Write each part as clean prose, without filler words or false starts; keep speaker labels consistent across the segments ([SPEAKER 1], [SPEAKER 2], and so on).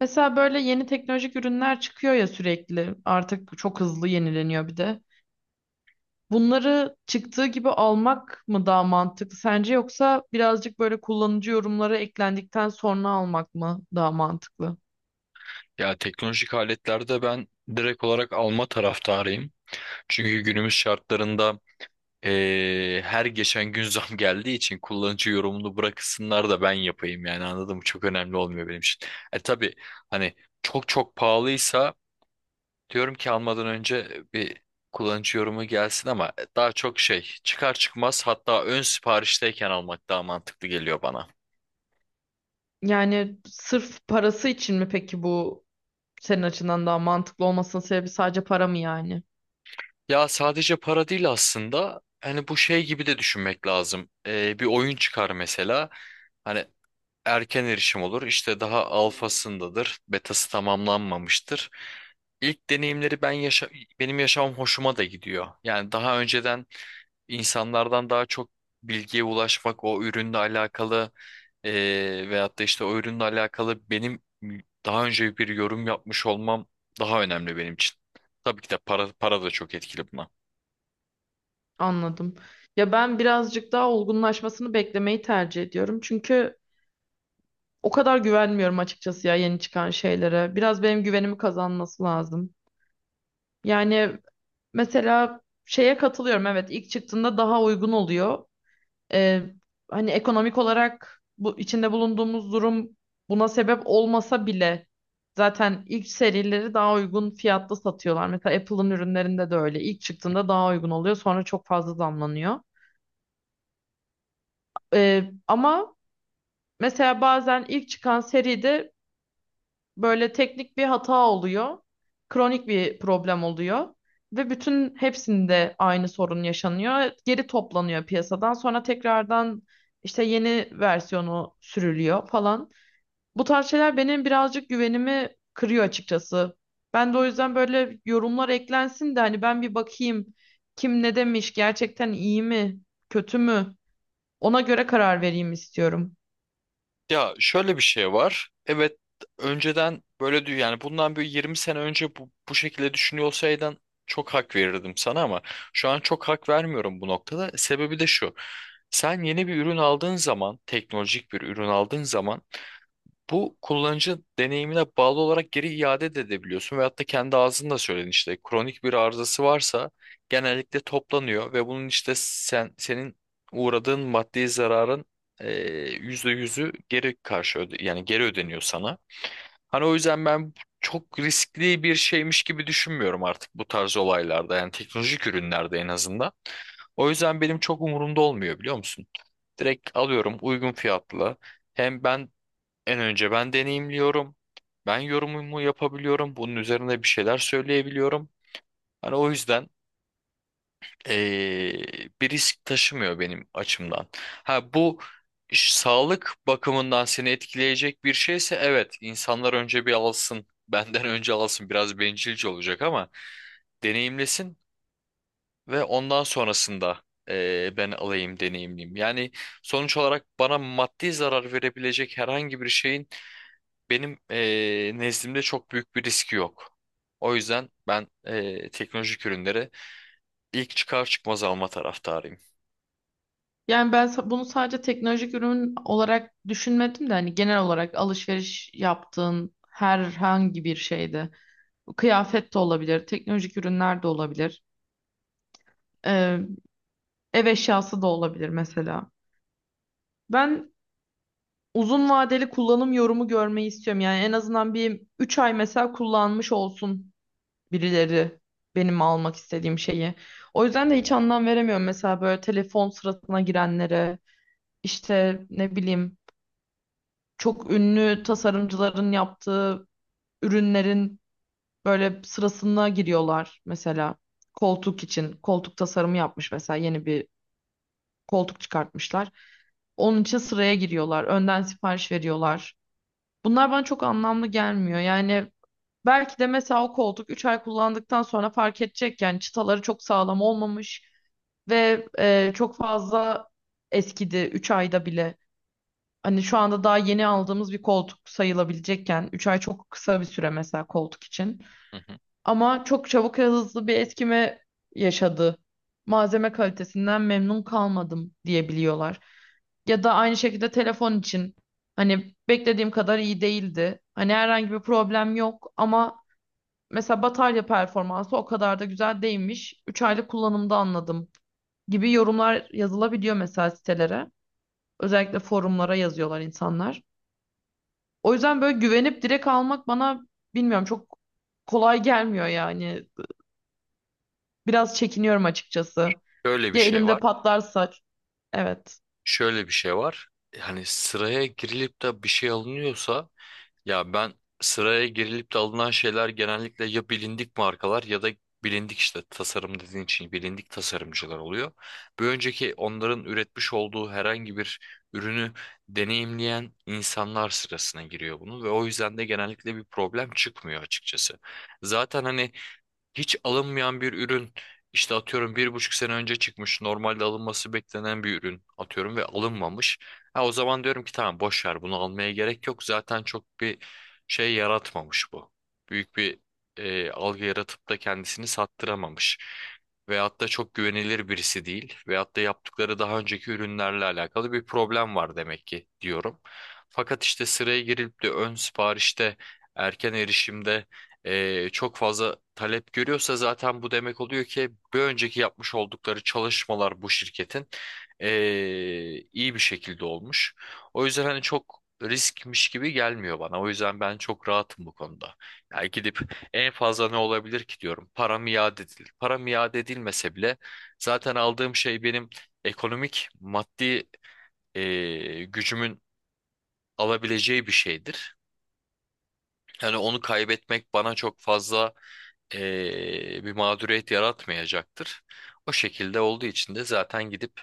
[SPEAKER 1] Mesela böyle yeni teknolojik ürünler çıkıyor ya sürekli. Artık çok hızlı yenileniyor bir de. Bunları çıktığı gibi almak mı daha mantıklı sence yoksa birazcık böyle kullanıcı yorumları eklendikten sonra almak mı daha mantıklı?
[SPEAKER 2] Ya teknolojik aletlerde ben direkt olarak alma taraftarıyım. Çünkü günümüz şartlarında her geçen gün zam geldiği için kullanıcı yorumunu bırakısınlar da ben yapayım yani anladın mı? Çok önemli olmuyor benim için. E tabii hani çok çok pahalıysa diyorum ki almadan önce bir kullanıcı yorumu gelsin ama daha çok şey çıkar çıkmaz hatta ön siparişteyken almak daha mantıklı geliyor bana.
[SPEAKER 1] Yani sırf parası için mi peki bu senin açından daha mantıklı olmasının sebebi sadece para mı yani?
[SPEAKER 2] Ya sadece para değil aslında. Hani bu şey gibi de düşünmek lazım. Bir oyun çıkar mesela. Hani erken erişim olur. İşte daha alfasındadır. Betası tamamlanmamıştır. İlk deneyimleri ben yaşa Benim yaşamam hoşuma da gidiyor. Yani daha önceden insanlardan daha çok bilgiye ulaşmak, o ürünle alakalı e, veyahut da işte o ürünle alakalı benim daha önce bir yorum yapmış olmam daha önemli benim için. Tabii ki de para da çok etkili buna.
[SPEAKER 1] Anladım. Ya ben birazcık daha olgunlaşmasını beklemeyi tercih ediyorum. Çünkü o kadar güvenmiyorum açıkçası ya yeni çıkan şeylere. Biraz benim güvenimi kazanması lazım. Yani mesela şeye katılıyorum, evet, ilk çıktığında daha uygun oluyor. Ee, hani ekonomik olarak bu içinde bulunduğumuz durum buna sebep olmasa bile zaten ilk serileri daha uygun fiyatlı satıyorlar. Mesela Apple'ın ürünlerinde de öyle. İlk çıktığında daha uygun oluyor, sonra çok fazla zamlanıyor. Ama mesela bazen ilk çıkan seride böyle teknik bir hata oluyor. Kronik bir problem oluyor. Ve bütün hepsinde aynı sorun yaşanıyor. Geri toplanıyor piyasadan. Sonra tekrardan işte yeni versiyonu sürülüyor falan. Bu tarz şeyler benim birazcık güvenimi kırıyor açıkçası. Ben de o yüzden böyle yorumlar eklensin de hani ben bir bakayım, kim ne demiş, gerçekten iyi mi, kötü mü? Ona göre karar vereyim istiyorum.
[SPEAKER 2] Ya şöyle bir şey var. Evet önceden böyle diyor yani bundan bir 20 sene önce bu şekilde düşünüyor olsaydın çok hak verirdim sana ama şu an çok hak vermiyorum bu noktada. Sebebi de şu. Sen yeni bir ürün aldığın zaman, teknolojik bir ürün aldığın zaman bu kullanıcı deneyimine bağlı olarak geri iade de edebiliyorsun ve hatta kendi ağzında söyledin işte kronik bir arızası varsa genellikle toplanıyor ve bunun işte senin uğradığın maddi zararın yüzde yüzü yani geri ödeniyor sana. Hani o yüzden ben çok riskli bir şeymiş gibi düşünmüyorum artık bu tarz olaylarda yani teknolojik ürünlerde en azından. O yüzden benim çok umurumda olmuyor biliyor musun? Direkt alıyorum uygun fiyatlı. Hem en önce ben deneyimliyorum. Ben yorumumu yapabiliyorum. Bunun üzerine bir şeyler söyleyebiliyorum. Hani o yüzden bir risk taşımıyor benim açımdan. Ha bu Sağlık bakımından seni etkileyecek bir şeyse evet insanlar önce bir alsın. Benden önce alsın. Biraz bencilce olacak ama deneyimlesin ve ondan sonrasında ben alayım deneyimliyim. Yani sonuç olarak bana maddi zarar verebilecek herhangi bir şeyin benim nezdimde çok büyük bir riski yok. O yüzden ben teknolojik ürünleri ilk çıkar çıkmaz alma taraftarıyım.
[SPEAKER 1] Yani ben bunu sadece teknolojik ürün olarak düşünmedim de hani genel olarak alışveriş yaptığın herhangi bir şeyde. Bu kıyafet de olabilir, teknolojik ürünler de olabilir. Ee, ev eşyası da olabilir mesela. Ben uzun vadeli kullanım yorumu görmeyi istiyorum. Yani en azından bir 3 ay mesela kullanmış olsun birileri benim almak istediğim şeyi. O yüzden de hiç anlam veremiyorum mesela böyle telefon sırasına girenlere, işte ne bileyim, çok ünlü tasarımcıların yaptığı ürünlerin böyle sırasına giriyorlar mesela. Koltuk için koltuk tasarımı yapmış, mesela yeni bir koltuk çıkartmışlar. Onun için sıraya giriyorlar. Önden sipariş veriyorlar. Bunlar bana çok anlamlı gelmiyor. Yani belki de mesela o koltuk 3 ay kullandıktan sonra fark edecek. Yani çıtaları çok sağlam olmamış ve çok fazla eskidi 3 ayda bile. Hani şu anda daha yeni aldığımız bir koltuk sayılabilecekken 3 ay çok kısa bir süre mesela koltuk için.
[SPEAKER 2] Hı hı.
[SPEAKER 1] Ama çok çabuk ve hızlı bir etkime yaşadı. Malzeme kalitesinden memnun kalmadım diyebiliyorlar. Ya da aynı şekilde telefon için hani beklediğim kadar iyi değildi. Hani herhangi bir problem yok ama mesela batarya performansı o kadar da güzel değilmiş. 3 aylık kullanımda anladım gibi yorumlar yazılabiliyor mesela sitelere. Özellikle forumlara yazıyorlar insanlar. O yüzden böyle güvenip direkt almak bana, bilmiyorum, çok kolay gelmiyor yani. Biraz çekiniyorum açıkçası.
[SPEAKER 2] Şöyle bir
[SPEAKER 1] Ya
[SPEAKER 2] şey
[SPEAKER 1] elimde
[SPEAKER 2] var.
[SPEAKER 1] patlarsa. Evet.
[SPEAKER 2] Şöyle bir şey var. Hani sıraya girilip de bir şey alınıyorsa Ya ben sıraya girilip de alınan şeyler genellikle ya bilindik markalar ya da bilindik işte tasarım dediğin için bilindik tasarımcılar oluyor. Bir önceki onların üretmiş olduğu herhangi bir ürünü deneyimleyen insanlar sırasına giriyor bunu ve o yüzden de genellikle bir problem çıkmıyor açıkçası. Zaten hani hiç alınmayan bir ürün işte atıyorum bir buçuk sene önce çıkmış normalde alınması beklenen bir ürün atıyorum ve alınmamış. Ha, o zaman diyorum ki tamam boş ver bunu almaya gerek yok zaten çok bir şey yaratmamış bu. Büyük bir algı yaratıp da kendisini sattıramamış. Veyahut da çok güvenilir birisi değil. Veyahut da yaptıkları daha önceki ürünlerle alakalı bir problem var demek ki diyorum. Fakat işte sıraya girilip de ön siparişte, erken erişimde çok fazla talep görüyorsa zaten bu demek oluyor ki bir önceki yapmış oldukları çalışmalar bu şirketin e, iyi bir şekilde olmuş. O yüzden hani çok riskmiş gibi gelmiyor bana. O yüzden ben çok rahatım bu konuda. Yani gidip en fazla ne olabilir ki diyorum. Param iade edilir. Param iade edilmese bile zaten aldığım şey benim ekonomik, maddi gücümün alabileceği bir şeydir. Yani onu kaybetmek bana çok fazla bir mağduriyet yaratmayacaktır. O şekilde olduğu için de zaten gidip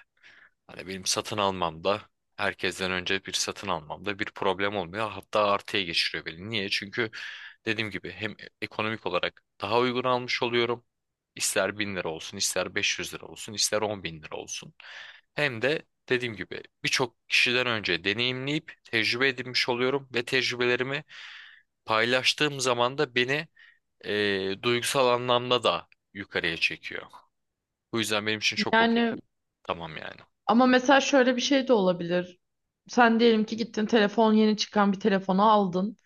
[SPEAKER 2] hani benim satın almamda herkesten önce bir satın almamda bir problem olmuyor. Hatta artıya geçiriyor beni. Niye? Çünkü dediğim gibi hem ekonomik olarak daha uygun almış oluyorum. İster 1000 lira olsun, ister 500 lira olsun, ister 10 bin lira olsun. Hem de dediğim gibi birçok kişiden önce deneyimleyip tecrübe edinmiş oluyorum ve tecrübelerimi paylaştığım zaman da beni duygusal anlamda da yukarıya çekiyor. Bu yüzden benim için çok okey.
[SPEAKER 1] Yani
[SPEAKER 2] Tamam yani.
[SPEAKER 1] ama mesela şöyle bir şey de olabilir. Sen diyelim ki gittin, telefon, yeni çıkan bir telefonu aldın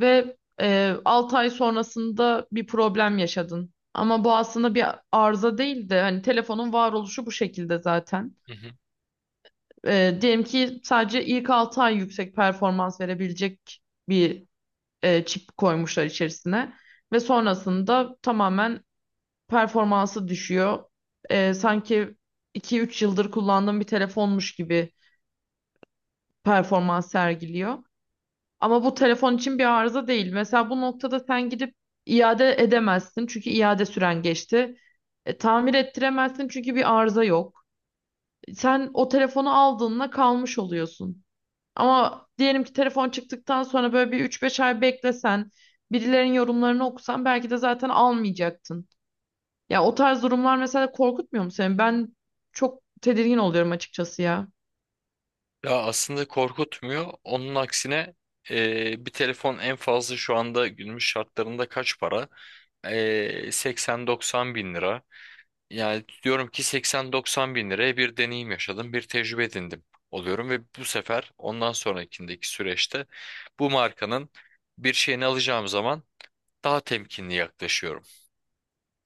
[SPEAKER 1] ve 6 ay sonrasında bir problem yaşadın. Ama bu aslında bir arıza değil de hani telefonun varoluşu bu şekilde zaten.
[SPEAKER 2] Hı hı.
[SPEAKER 1] E, diyelim ki sadece ilk 6 ay yüksek performans verebilecek bir çip koymuşlar içerisine ve sonrasında tamamen performansı düşüyor. Sanki iki üç yıldır kullandığım bir telefonmuş gibi performans sergiliyor. Ama bu telefon için bir arıza değil. Mesela bu noktada sen gidip iade edemezsin çünkü iade süren geçti. E, tamir ettiremezsin çünkü bir arıza yok. Sen o telefonu aldığında kalmış oluyorsun. Ama diyelim ki telefon çıktıktan sonra böyle bir üç beş ay beklesen, birilerinin yorumlarını okusan belki de zaten almayacaktın. Ya o tarz durumlar mesela korkutmuyor mu seni? Ben çok tedirgin oluyorum açıkçası ya.
[SPEAKER 2] Ya aslında korkutmuyor. Onun aksine bir telefon en fazla şu anda günümüz şartlarında kaç para? 80-90 bin lira. Yani diyorum ki 80-90 bin liraya bir deneyim yaşadım, bir tecrübe edindim oluyorum ve bu sefer ondan sonrakindeki süreçte bu markanın bir şeyini alacağım zaman daha temkinli yaklaşıyorum.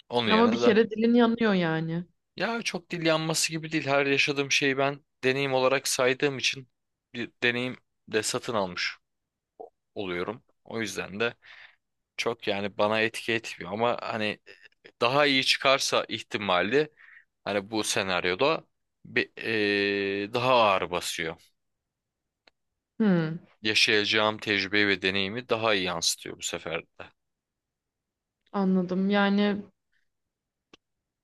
[SPEAKER 2] Onun
[SPEAKER 1] Ama bir
[SPEAKER 2] yerine de
[SPEAKER 1] kere dilin yanıyor yani.
[SPEAKER 2] ya çok dil yanması gibi değil. Her yaşadığım şeyi ben deneyim olarak saydığım için bir deneyim de satın almış oluyorum. O yüzden de çok yani bana etki etmiyor ama hani daha iyi çıkarsa ihtimali hani bu senaryoda bir, daha ağır basıyor.
[SPEAKER 1] Hmm,
[SPEAKER 2] Yaşayacağım tecrübe ve deneyimi daha iyi yansıtıyor bu sefer de.
[SPEAKER 1] anladım. Yani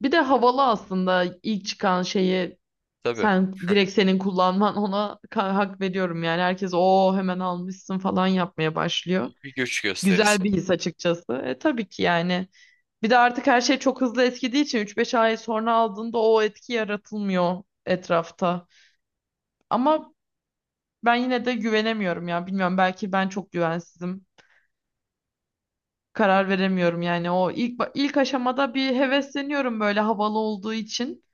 [SPEAKER 1] bir de havalı aslında ilk çıkan şeyi
[SPEAKER 2] Tabii
[SPEAKER 1] sen direkt, senin kullanman ona hak veriyorum yani. Herkes o hemen almışsın falan yapmaya başlıyor.
[SPEAKER 2] bir göç gösterisi.
[SPEAKER 1] Güzel bir his açıkçası. E, tabii ki yani. Bir de artık her şey çok hızlı eskidiği için üç beş ay sonra aldığında o etki yaratılmıyor etrafta. Ama ben yine de güvenemiyorum ya. Bilmiyorum, belki ben çok güvensizim. Karar veremiyorum yani. O ilk ilk aşamada bir hevesleniyorum böyle havalı olduğu için.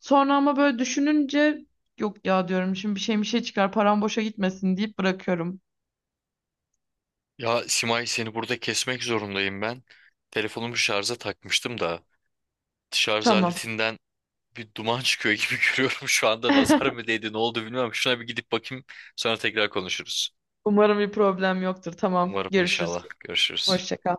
[SPEAKER 1] Sonra ama böyle düşününce yok ya diyorum, şimdi bir şey çıkar, param boşa gitmesin deyip bırakıyorum.
[SPEAKER 2] Ya Simay seni burada kesmek zorundayım ben. Telefonumu şarja takmıştım da. Şarj
[SPEAKER 1] Tamam.
[SPEAKER 2] aletinden bir duman çıkıyor gibi görüyorum şu anda. Nazar mı değdi, ne oldu bilmiyorum. Şuna bir gidip bakayım, sonra tekrar konuşuruz.
[SPEAKER 1] Umarım bir problem yoktur. Tamam.
[SPEAKER 2] Umarım
[SPEAKER 1] Görüşürüz.
[SPEAKER 2] inşallah. Görüşürüz.
[SPEAKER 1] Hoşça kal.